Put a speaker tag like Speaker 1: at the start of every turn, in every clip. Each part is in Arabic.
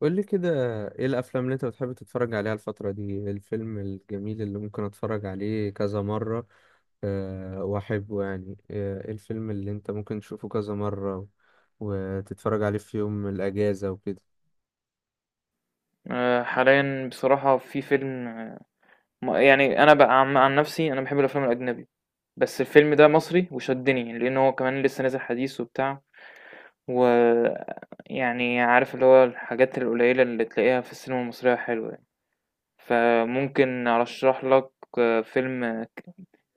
Speaker 1: قول لي كده، ايه الافلام اللي انت بتحب تتفرج عليها الفترة دي؟ إيه الفيلم الجميل اللي ممكن اتفرج عليه كذا مرة أه واحبه ايه الفيلم اللي انت ممكن تشوفه كذا مرة وتتفرج عليه في يوم الاجازة وكده.
Speaker 2: حاليا بصراحة في فيلم يعني أنا بقى عن نفسي. أنا بحب الأفلام الأجنبي، بس الفيلم ده مصري وشدني لأن هو كمان لسه نازل حديث وبتاع، ويعني عارف اللي هو الحاجات القليلة اللي تلاقيها في السينما المصرية حلوة يعني. فممكن أرشح لك فيلم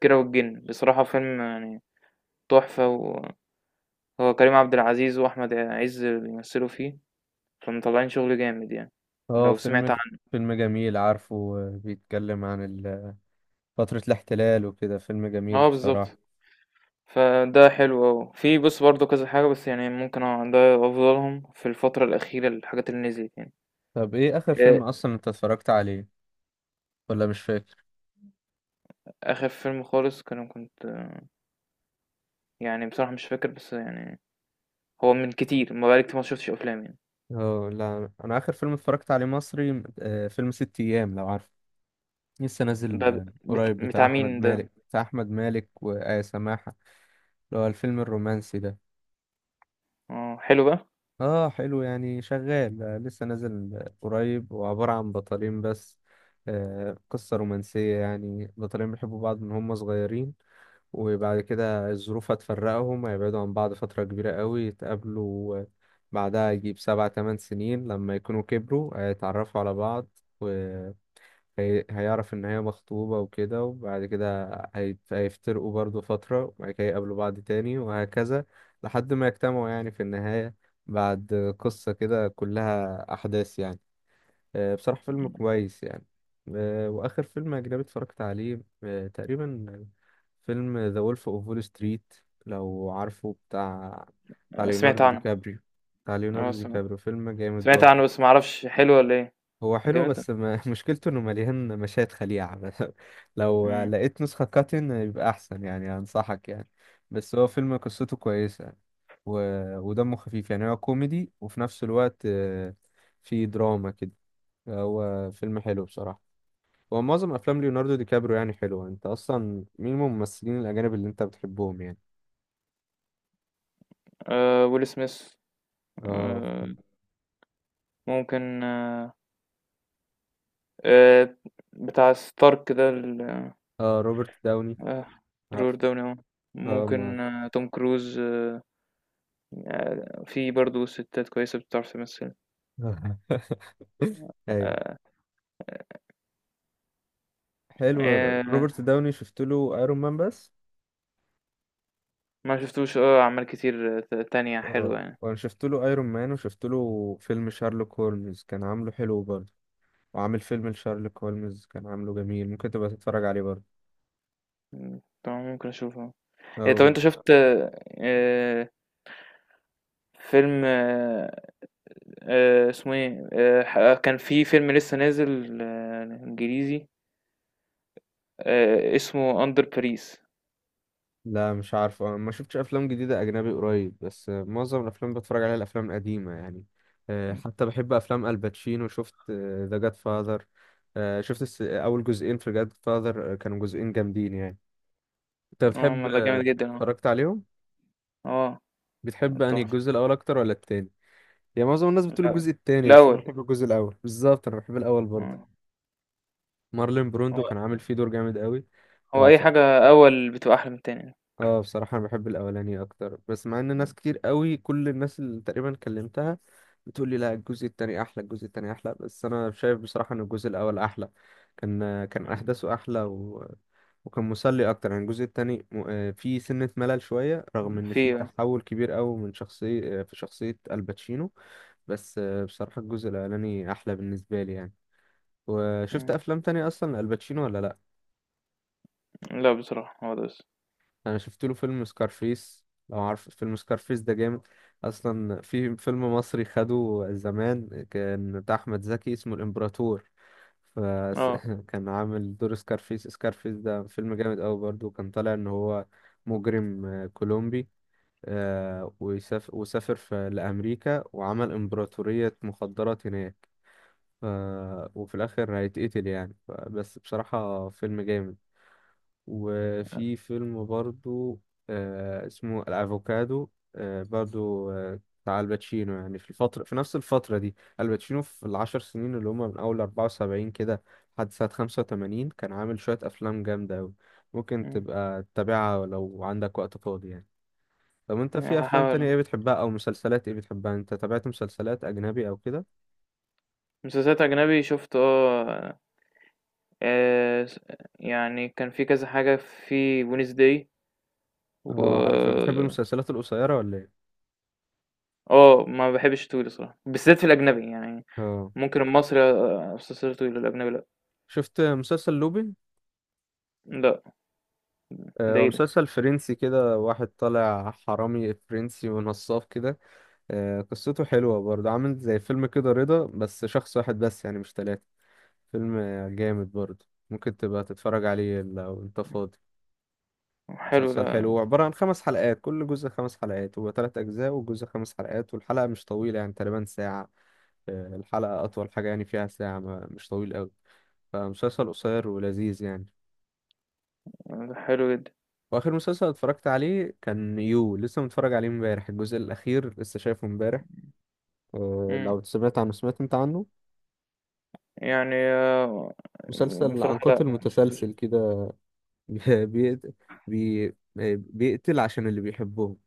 Speaker 2: كيرة والجن، بصراحة فيلم يعني تحفة. وهو كريم عبد العزيز وأحمد عز بيمثلوا فيه، فمطلعين شغل جامد يعني.
Speaker 1: اه
Speaker 2: لو
Speaker 1: فيلم
Speaker 2: سمعت عنه.
Speaker 1: فيلم جميل، عارفه، بيتكلم عن فترة الاحتلال وكده، فيلم جميل
Speaker 2: اه، بالظبط.
Speaker 1: بصراحة.
Speaker 2: فده حلو أوي، في بص برضه كذا حاجة، بس يعني ممكن ده أفضلهم في الفترة الأخيرة، الحاجات اللي نزلت يعني.
Speaker 1: طب ايه اخر
Speaker 2: آه،
Speaker 1: فيلم اصلا انت اتفرجت عليه ولا مش فاكر؟
Speaker 2: آخر فيلم خالص كنت يعني بصراحة مش فاكر، بس يعني هو من كتير ما بقالي كتير ما شفتش أفلام يعني.
Speaker 1: اه لا، انا اخر فيلم اتفرجت عليه مصري، فيلم ست ايام، لو عارف، لسه
Speaker 2: ده
Speaker 1: نازل قريب، بتاع
Speaker 2: بتاع
Speaker 1: احمد
Speaker 2: مين ده؟
Speaker 1: مالك بتاع احمد مالك وآية سماحة، اللي هو الفيلم الرومانسي ده.
Speaker 2: اه، حلو بقى.
Speaker 1: اه حلو، يعني شغال، لسه نازل قريب، وعبارة عن بطلين بس، آه قصة رومانسية يعني، بطلين بيحبوا بعض من هم صغيرين، وبعد كده الظروف هتفرقهم، هيبعدوا عن بعض فترة كبيرة قوي، يتقابلوا بعدها يجيب سبع تمن سنين لما يكونوا كبروا، هيتعرفوا على بعض، هيعرف ان هي مخطوبة وكده، وبعد كده هيفترقوا برضو فترة، وبعد كده يقابلوا بعض تاني وهكذا، لحد ما يجتمعوا يعني في النهاية، بعد قصة كده كلها أحداث يعني. بصراحة فيلم كويس يعني. وآخر فيلم أجنبي اتفرجت عليه تقريبا فيلم ذا وولف اوف وول ستريت، لو عارفه، بتاع
Speaker 2: سمعت
Speaker 1: ليوناردو دي
Speaker 2: عنه.
Speaker 1: كابريو، بتاع
Speaker 2: اه،
Speaker 1: ليوناردو دي
Speaker 2: سمعت
Speaker 1: كابريو، فيلم جامد
Speaker 2: سمعت عنه
Speaker 1: برضه.
Speaker 2: بس ما أعرفش حلو ولا إيه.
Speaker 1: هو حلو
Speaker 2: جامد ده؟
Speaker 1: بس ما مشكلته انه مليان مشاهد خليعة بس، لو
Speaker 2: مم.
Speaker 1: لقيت نسخة كاتن يبقى احسن يعني، انصحك يعني. بس هو فيلم قصته كويسة و... ودمه خفيف يعني، هو كوميدي وفي نفس الوقت في دراما كده، هو فيلم حلو بصراحة. هو معظم افلام ليوناردو دي كابريو يعني حلوة. انت اصلا مين من الممثلين الاجانب اللي انت بتحبهم يعني؟
Speaker 2: آه، ويل سميث.
Speaker 1: اه،
Speaker 2: آه، ممكن. آه. آه، بتاع ستارك ده.
Speaker 1: اه روبرت داوني،
Speaker 2: آه، robert
Speaker 1: عارفه،
Speaker 2: داوني آه.
Speaker 1: اه ما
Speaker 2: ممكن توم كروز في برضه ستات كويسة بتعرف تمثل.
Speaker 1: ايوه
Speaker 2: آه،
Speaker 1: حلو.
Speaker 2: آه،
Speaker 1: روبرت داوني شفت له ايرون مان بس،
Speaker 2: ما شفتوش اه، أعمال كتير تانية حلوة يعني.
Speaker 1: وانا شفت له ايرون مان، وشفت له فيلم شارلوك هولمز كان عامله حلو برضه، وعامل فيلم لشارلوك هولمز كان عامله جميل، ممكن تبقى تتفرج عليه برضه.
Speaker 2: مم، طبعا ممكن أشوفها. إيه، طب
Speaker 1: أو
Speaker 2: أنت شفت آه، فيلم اسمه ايه كان في فيلم لسه نازل إنجليزي اسمه أندر باريس.
Speaker 1: لا، مش عارف، أنا ما شفتش افلام جديده اجنبي قريب، بس معظم الافلام بتفرج عليها الافلام القديمه يعني. حتى بحب افلام الباتشينو. شفت ذا جاد فاذر؟ شفت اول جزئين في جاد فاذر، كانوا جزئين جامدين يعني. انت
Speaker 2: اه،
Speaker 1: بتحب
Speaker 2: ما ده جامد جدا، اه.
Speaker 1: اتفرجت عليهم،
Speaker 2: اه.
Speaker 1: بتحب انهي
Speaker 2: تحفة.
Speaker 1: الجزء الاول اكتر ولا التاني؟ يعني معظم الناس بتقول
Speaker 2: لا.
Speaker 1: الجزء التاني، بس انا
Speaker 2: الأول.
Speaker 1: بحب الجزء الاول. بالظبط انا بحب الاول برضه.
Speaker 2: اه.
Speaker 1: مارلين بروندو كان عامل فيه دور جامد قوي،
Speaker 2: هو أي
Speaker 1: فبصراحه
Speaker 2: حاجة أول بتبقى أحلى من التانية.
Speaker 1: اه بصراحه انا بحب الاولاني اكتر، بس مع ان ناس
Speaker 2: إمم.
Speaker 1: كتير قوي، كل الناس اللي تقريبا كلمتها بتقول لي لا، الجزء التاني احلى، الجزء التاني احلى، بس انا شايف بصراحه ان الجزء الاول احلى. كان
Speaker 2: إمم.
Speaker 1: احداثه احلى وكان مسلي اكتر يعني. الجزء التاني فيه سنه ملل شويه، رغم
Speaker 2: إمم،
Speaker 1: ان فيه
Speaker 2: في
Speaker 1: تحول كبير قوي من شخصيه في شخصيه الباتشينو، بس بصراحة الجزء الأولاني أحلى بالنسبة لي يعني. وشفت
Speaker 2: إمم.
Speaker 1: أفلام تانية أصلا لألباتشينو ولا لأ؟
Speaker 2: لأ، بصراحة هو ده بس.
Speaker 1: أنا شفت له فيلم سكارفيس، لو عارف فيلم سكارفيس، ده جامد أصلا. في فيلم مصري خده زمان كان بتاع أحمد زكي اسمه الإمبراطور،
Speaker 2: آه،
Speaker 1: فكان عامل دور سكارفيس. سكارفيس ده فيلم جامد أوي برضه، كان طالع إن هو مجرم كولومبي، ويسافر، وسافر في لأمريكا وعمل إمبراطورية مخدرات هناك، ف... وفي الآخر هيتقتل يعني، بس بصراحة فيلم جامد. وفي فيلم برضو آه اسمه الأفوكادو، آه برضو آه بتاع الباتشينو يعني في الفترة، في نفس الفترة دي الباتشينو، في العشر سنين اللي هما من أول أربعة وسبعين كده لحد سنة خمسة وتمانين، كان عامل شوية أفلام جامدة أوي، ممكن
Speaker 2: إمم.
Speaker 1: تبقى تتابعها لو عندك وقت فاضي يعني. طب انت في افلام
Speaker 2: هاحاول
Speaker 1: تانية ايه بتحبها او مسلسلات ايه بتحبها؟ انت تابعت مسلسلات اجنبي او كده؟
Speaker 2: مسلسلات أجنبي شُفت س يعني كان في كذا حاجة في Wednesday و
Speaker 1: اه عارف، بتحب المسلسلات القصيرة ولا؟
Speaker 2: ما باحبش الطويل الصراحة، بالذات في الأجنبي يعني.
Speaker 1: اه
Speaker 2: ممكن المصري مسلسلات طويلة، الأجنبي لأ.
Speaker 1: شفت مسلسل لوبي؟
Speaker 2: لأ. ده
Speaker 1: هو
Speaker 2: إيه ده!
Speaker 1: مسلسل فرنسي كده، واحد طالع حرامي فرنسي ونصاب كده، قصته حلوة برضه، عامل زي فيلم كده رضا بس شخص واحد بس يعني مش ثلاثة، فيلم جامد برضه، ممكن تبقى تتفرج عليه لو انت فاضي.
Speaker 2: حلو ده.
Speaker 1: مسلسل حلو، هو عبارة عن خمس حلقات، كل جزء خمس حلقات، هو تلات أجزاء، والجزء خمس حلقات، والحلقة مش طويلة يعني تقريبا ساعة. الحلقة أطول حاجة يعني فيها ساعة، مش طويل أوي، فمسلسل قصير ولذيذ يعني.
Speaker 2: ده حلو جدًا.
Speaker 1: واخر مسلسل اتفرجت عليه كان يو، لسه متفرج عليه امبارح، الجزء الاخير لسه شايفه امباريح. أه
Speaker 2: إمم.
Speaker 1: لو سمعت عنه، سمعت انت عنه؟
Speaker 2: يعني
Speaker 1: مسلسل عن
Speaker 2: بصراحة لأ،
Speaker 1: قاتل
Speaker 2: ما شفتوش.
Speaker 1: متسلسل كده، بيقتل، بي آه، بيقتل عشان اللي بيحبهم،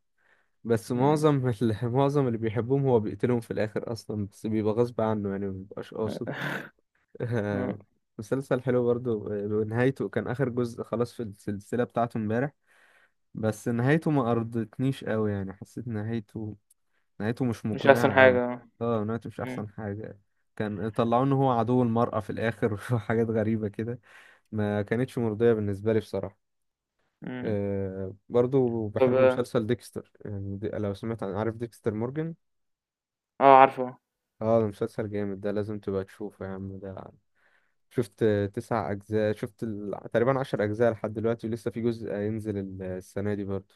Speaker 1: بس
Speaker 2: إمم.
Speaker 1: معظم معظم اللي بيحبهم هو بيقتلهم في الاخر اصلا، بس بيبقى غصب عنه يعني، ما بيبقاش قاصد.
Speaker 2: آه.
Speaker 1: أه، مسلسل حلو برضه. نهايته، كان اخر جزء خلاص في السلسلة بتاعته امبارح، بس نهايته ما ارضتنيش قوي، يعني حسيت نهايته، نهايته مش
Speaker 2: مش أحسن
Speaker 1: مقنعة قوي.
Speaker 2: حاجة
Speaker 1: اه نهايته مش
Speaker 2: إمم.
Speaker 1: احسن حاجة، كان طلعوا ان هو عدو المرأة في الاخر وحاجات غريبة كده، ما كانتش مرضية بالنسبة لي بصراحة.
Speaker 2: إمم.
Speaker 1: أه برضو
Speaker 2: طب
Speaker 1: بحب
Speaker 2: آه.
Speaker 1: مسلسل ديكستر يعني، دي لو سمعت عن، عارف ديكستر مورجان؟
Speaker 2: عارفه.
Speaker 1: اه ده مسلسل جامد، ده لازم تبقى تشوفه يا عم ده. شفت تسع أجزاء، شفت تقريبا عشر أجزاء لحد دلوقتي، ولسه في جزء ينزل السنة دي برضه.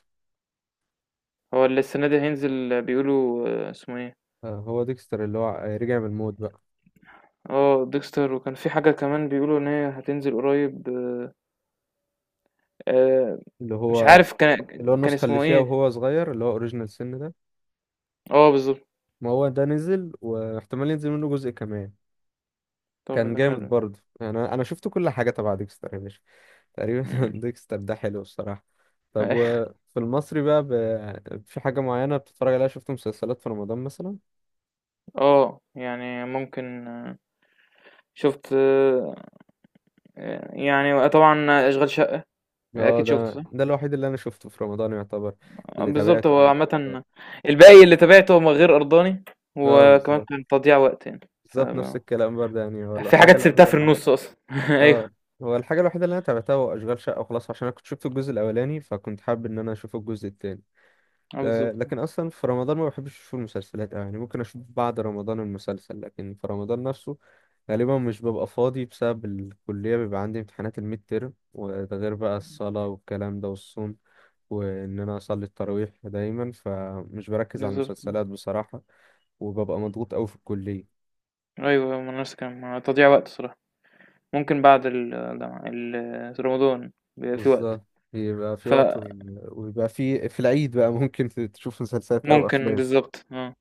Speaker 2: هو اللي السنة دي هينزل بيقولوا اسمه إيه؟
Speaker 1: هو ديكستر اللي هو رجع من الموت بقى،
Speaker 2: آه، Dexter. وكان في حاجة كمان بيقولوا إن هي هتنزل قريب. آآ،
Speaker 1: اللي
Speaker 2: مش
Speaker 1: هو
Speaker 2: عارف، كان
Speaker 1: اللي هو
Speaker 2: كان
Speaker 1: النسخة اللي
Speaker 2: اسمه
Speaker 1: فيها
Speaker 2: إيه.
Speaker 1: وهو صغير، اللي هو أوريجينال سن ده،
Speaker 2: آه، بالضبط.
Speaker 1: ما هو ده نزل، واحتمال ينزل منه جزء كمان.
Speaker 2: طب
Speaker 1: كان
Speaker 2: ده
Speaker 1: جامد
Speaker 2: حلو.
Speaker 1: برضه يعني، انا أنا شفت كل حاجه تبع ديكستر يا باشا تقريبا.
Speaker 2: إمم.
Speaker 1: ديكستر ده حلو الصراحه. طب وفي المصري بقى في حاجه معينه بتتفرج عليها؟ شفت مسلسلات في رمضان مثلا؟
Speaker 2: يعني ممكن شُفت يعني طبعًا أشغال شقة.
Speaker 1: اه
Speaker 2: أكيد شُفته،
Speaker 1: ده
Speaker 2: صح؟
Speaker 1: ده الوحيد اللي انا شفته في رمضان يعتبر، اللي
Speaker 2: بالضبط.
Speaker 1: تابعته
Speaker 2: هو
Speaker 1: يعني في رمضان.
Speaker 2: عامةً الباقي اللي تابعته هو غير أرضاني،
Speaker 1: اه
Speaker 2: وكمان
Speaker 1: بالظبط،
Speaker 2: كان تضييع وقت يعني. ف
Speaker 1: بالظبط نفس الكلام برضه يعني، هو
Speaker 2: في
Speaker 1: الحاجه
Speaker 2: حاجات سِبتها
Speaker 1: الوحيده
Speaker 2: في
Speaker 1: اللي
Speaker 2: النُص أصلًا. أيوه.
Speaker 1: اه، هو الحاجه الوحيده اللي انا تابعتها هو اشغال شقه وخلاص، عشان انا كنت شفت الجزء الاولاني فكنت حابب ان انا اشوف الجزء التاني.
Speaker 2: آه، بالضبط.
Speaker 1: لكن اصلا في رمضان ما بحبش اشوف المسلسلات أوي، يعني ممكن اشوف بعد رمضان المسلسل، لكن في رمضان نفسه غالبا مش ببقى فاضي بسبب الكلية، بيبقى عندي امتحانات الميد تيرم، وده غير بقى الصلاة والكلام ده والصوم، وان انا اصلي التراويح دايما، فمش بركز على
Speaker 2: بالضبط آه.
Speaker 1: المسلسلات بصراحة، وببقى مضغوط قوي في الكلية.
Speaker 2: أيوه، أيوه، ما أنا نفس الكلام، ما تضييع وقت الصراحة. ممكن بعد الجامعة ال رمضان بيبقى في وقت.
Speaker 1: بالظبط، بيبقى في وقت، وبيبقى في في العيد بقى ممكن تشوف مسلسلات او
Speaker 2: فممكن
Speaker 1: افلام.
Speaker 2: بالضبط، آه.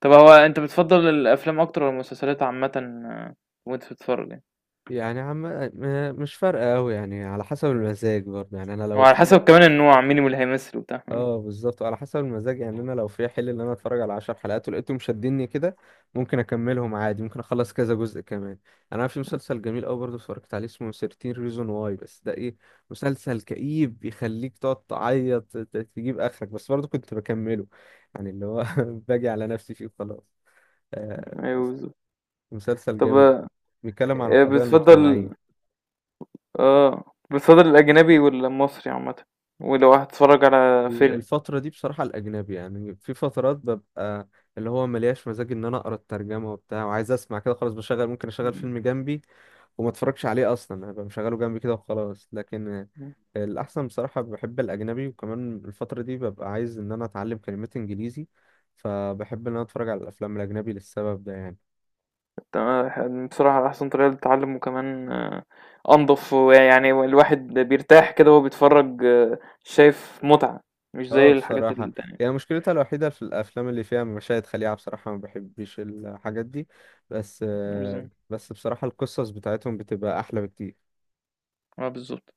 Speaker 2: طَب هو أنت بتفضّل الأفلام أكتر والّا المسلسلات عامةً آه، وأنت بتتفرّج يعني؟
Speaker 1: يعني مش فارقة أوي يعني، على حسب المزاج برضه يعني، أنا
Speaker 2: هو
Speaker 1: لو
Speaker 2: على
Speaker 1: في،
Speaker 2: حسب كمان النوع، مين اللي هيمثل وبتاع، آه.
Speaker 1: اه بالظبط على حسب المزاج يعني، أنا لو في حل إن أنا أتفرج على عشر حلقات ولقيتهم شدني كده ممكن أكملهم عادي، ممكن أخلص كذا جزء كمان يعني. أنا في مسلسل جميل أوي برضه اتفرجت عليه اسمه 13 ريزون واي، بس ده إيه، مسلسل كئيب بيخليك تقعد تعيط، تجيب آخرك، بس برضه كنت بكمله يعني، اللي هو باجي على نفسي فيه وخلاص. آه،
Speaker 2: أيوه، بالضبط.
Speaker 1: مسلسل
Speaker 2: طَب
Speaker 1: جامد بقى. بيتكلم عن القضايا
Speaker 2: بتفضّل
Speaker 1: المجتمعية.
Speaker 2: بتفضّل الأجنبي والّا المصري عامةً ولو هتتفرّج على فيلم؟
Speaker 1: الفترة دي بصراحة الأجنبي يعني، في فترات ببقى اللي هو ملياش مزاج إن أنا أقرأ الترجمة وبتاع، وعايز أسمع كده خلاص، بشغل، ممكن أشغل
Speaker 2: إمم.
Speaker 1: فيلم جنبي وما أتفرجش عليه أصلا، هبقى مشغله جنبي كده وخلاص. لكن
Speaker 2: إمم.
Speaker 1: الأحسن بصراحة بحب الأجنبي، وكمان الفترة دي ببقى عايز إن أنا أتعلم كلمات إنجليزي، فبحب إن أنا أتفرج على الأفلام الأجنبي للسبب ده يعني.
Speaker 2: تمام. بصراحة أحسن طريقة للتعلم، وكمان أنضف، ويعني الواحد بيرتاح كده وهو بيتفرج، شايف متعة، مش
Speaker 1: اه
Speaker 2: زي الحاجات
Speaker 1: بصراحة، يعني
Speaker 2: التانية.
Speaker 1: مشكلتها الوحيدة في الأفلام اللي فيها مشاهد خليعة، بصراحة ما بحبش الحاجات دي، بس
Speaker 2: مش زي-
Speaker 1: بس بصراحة القصص بتاعتهم بتبقى أحلى بكتير.
Speaker 2: اه، بالظبط.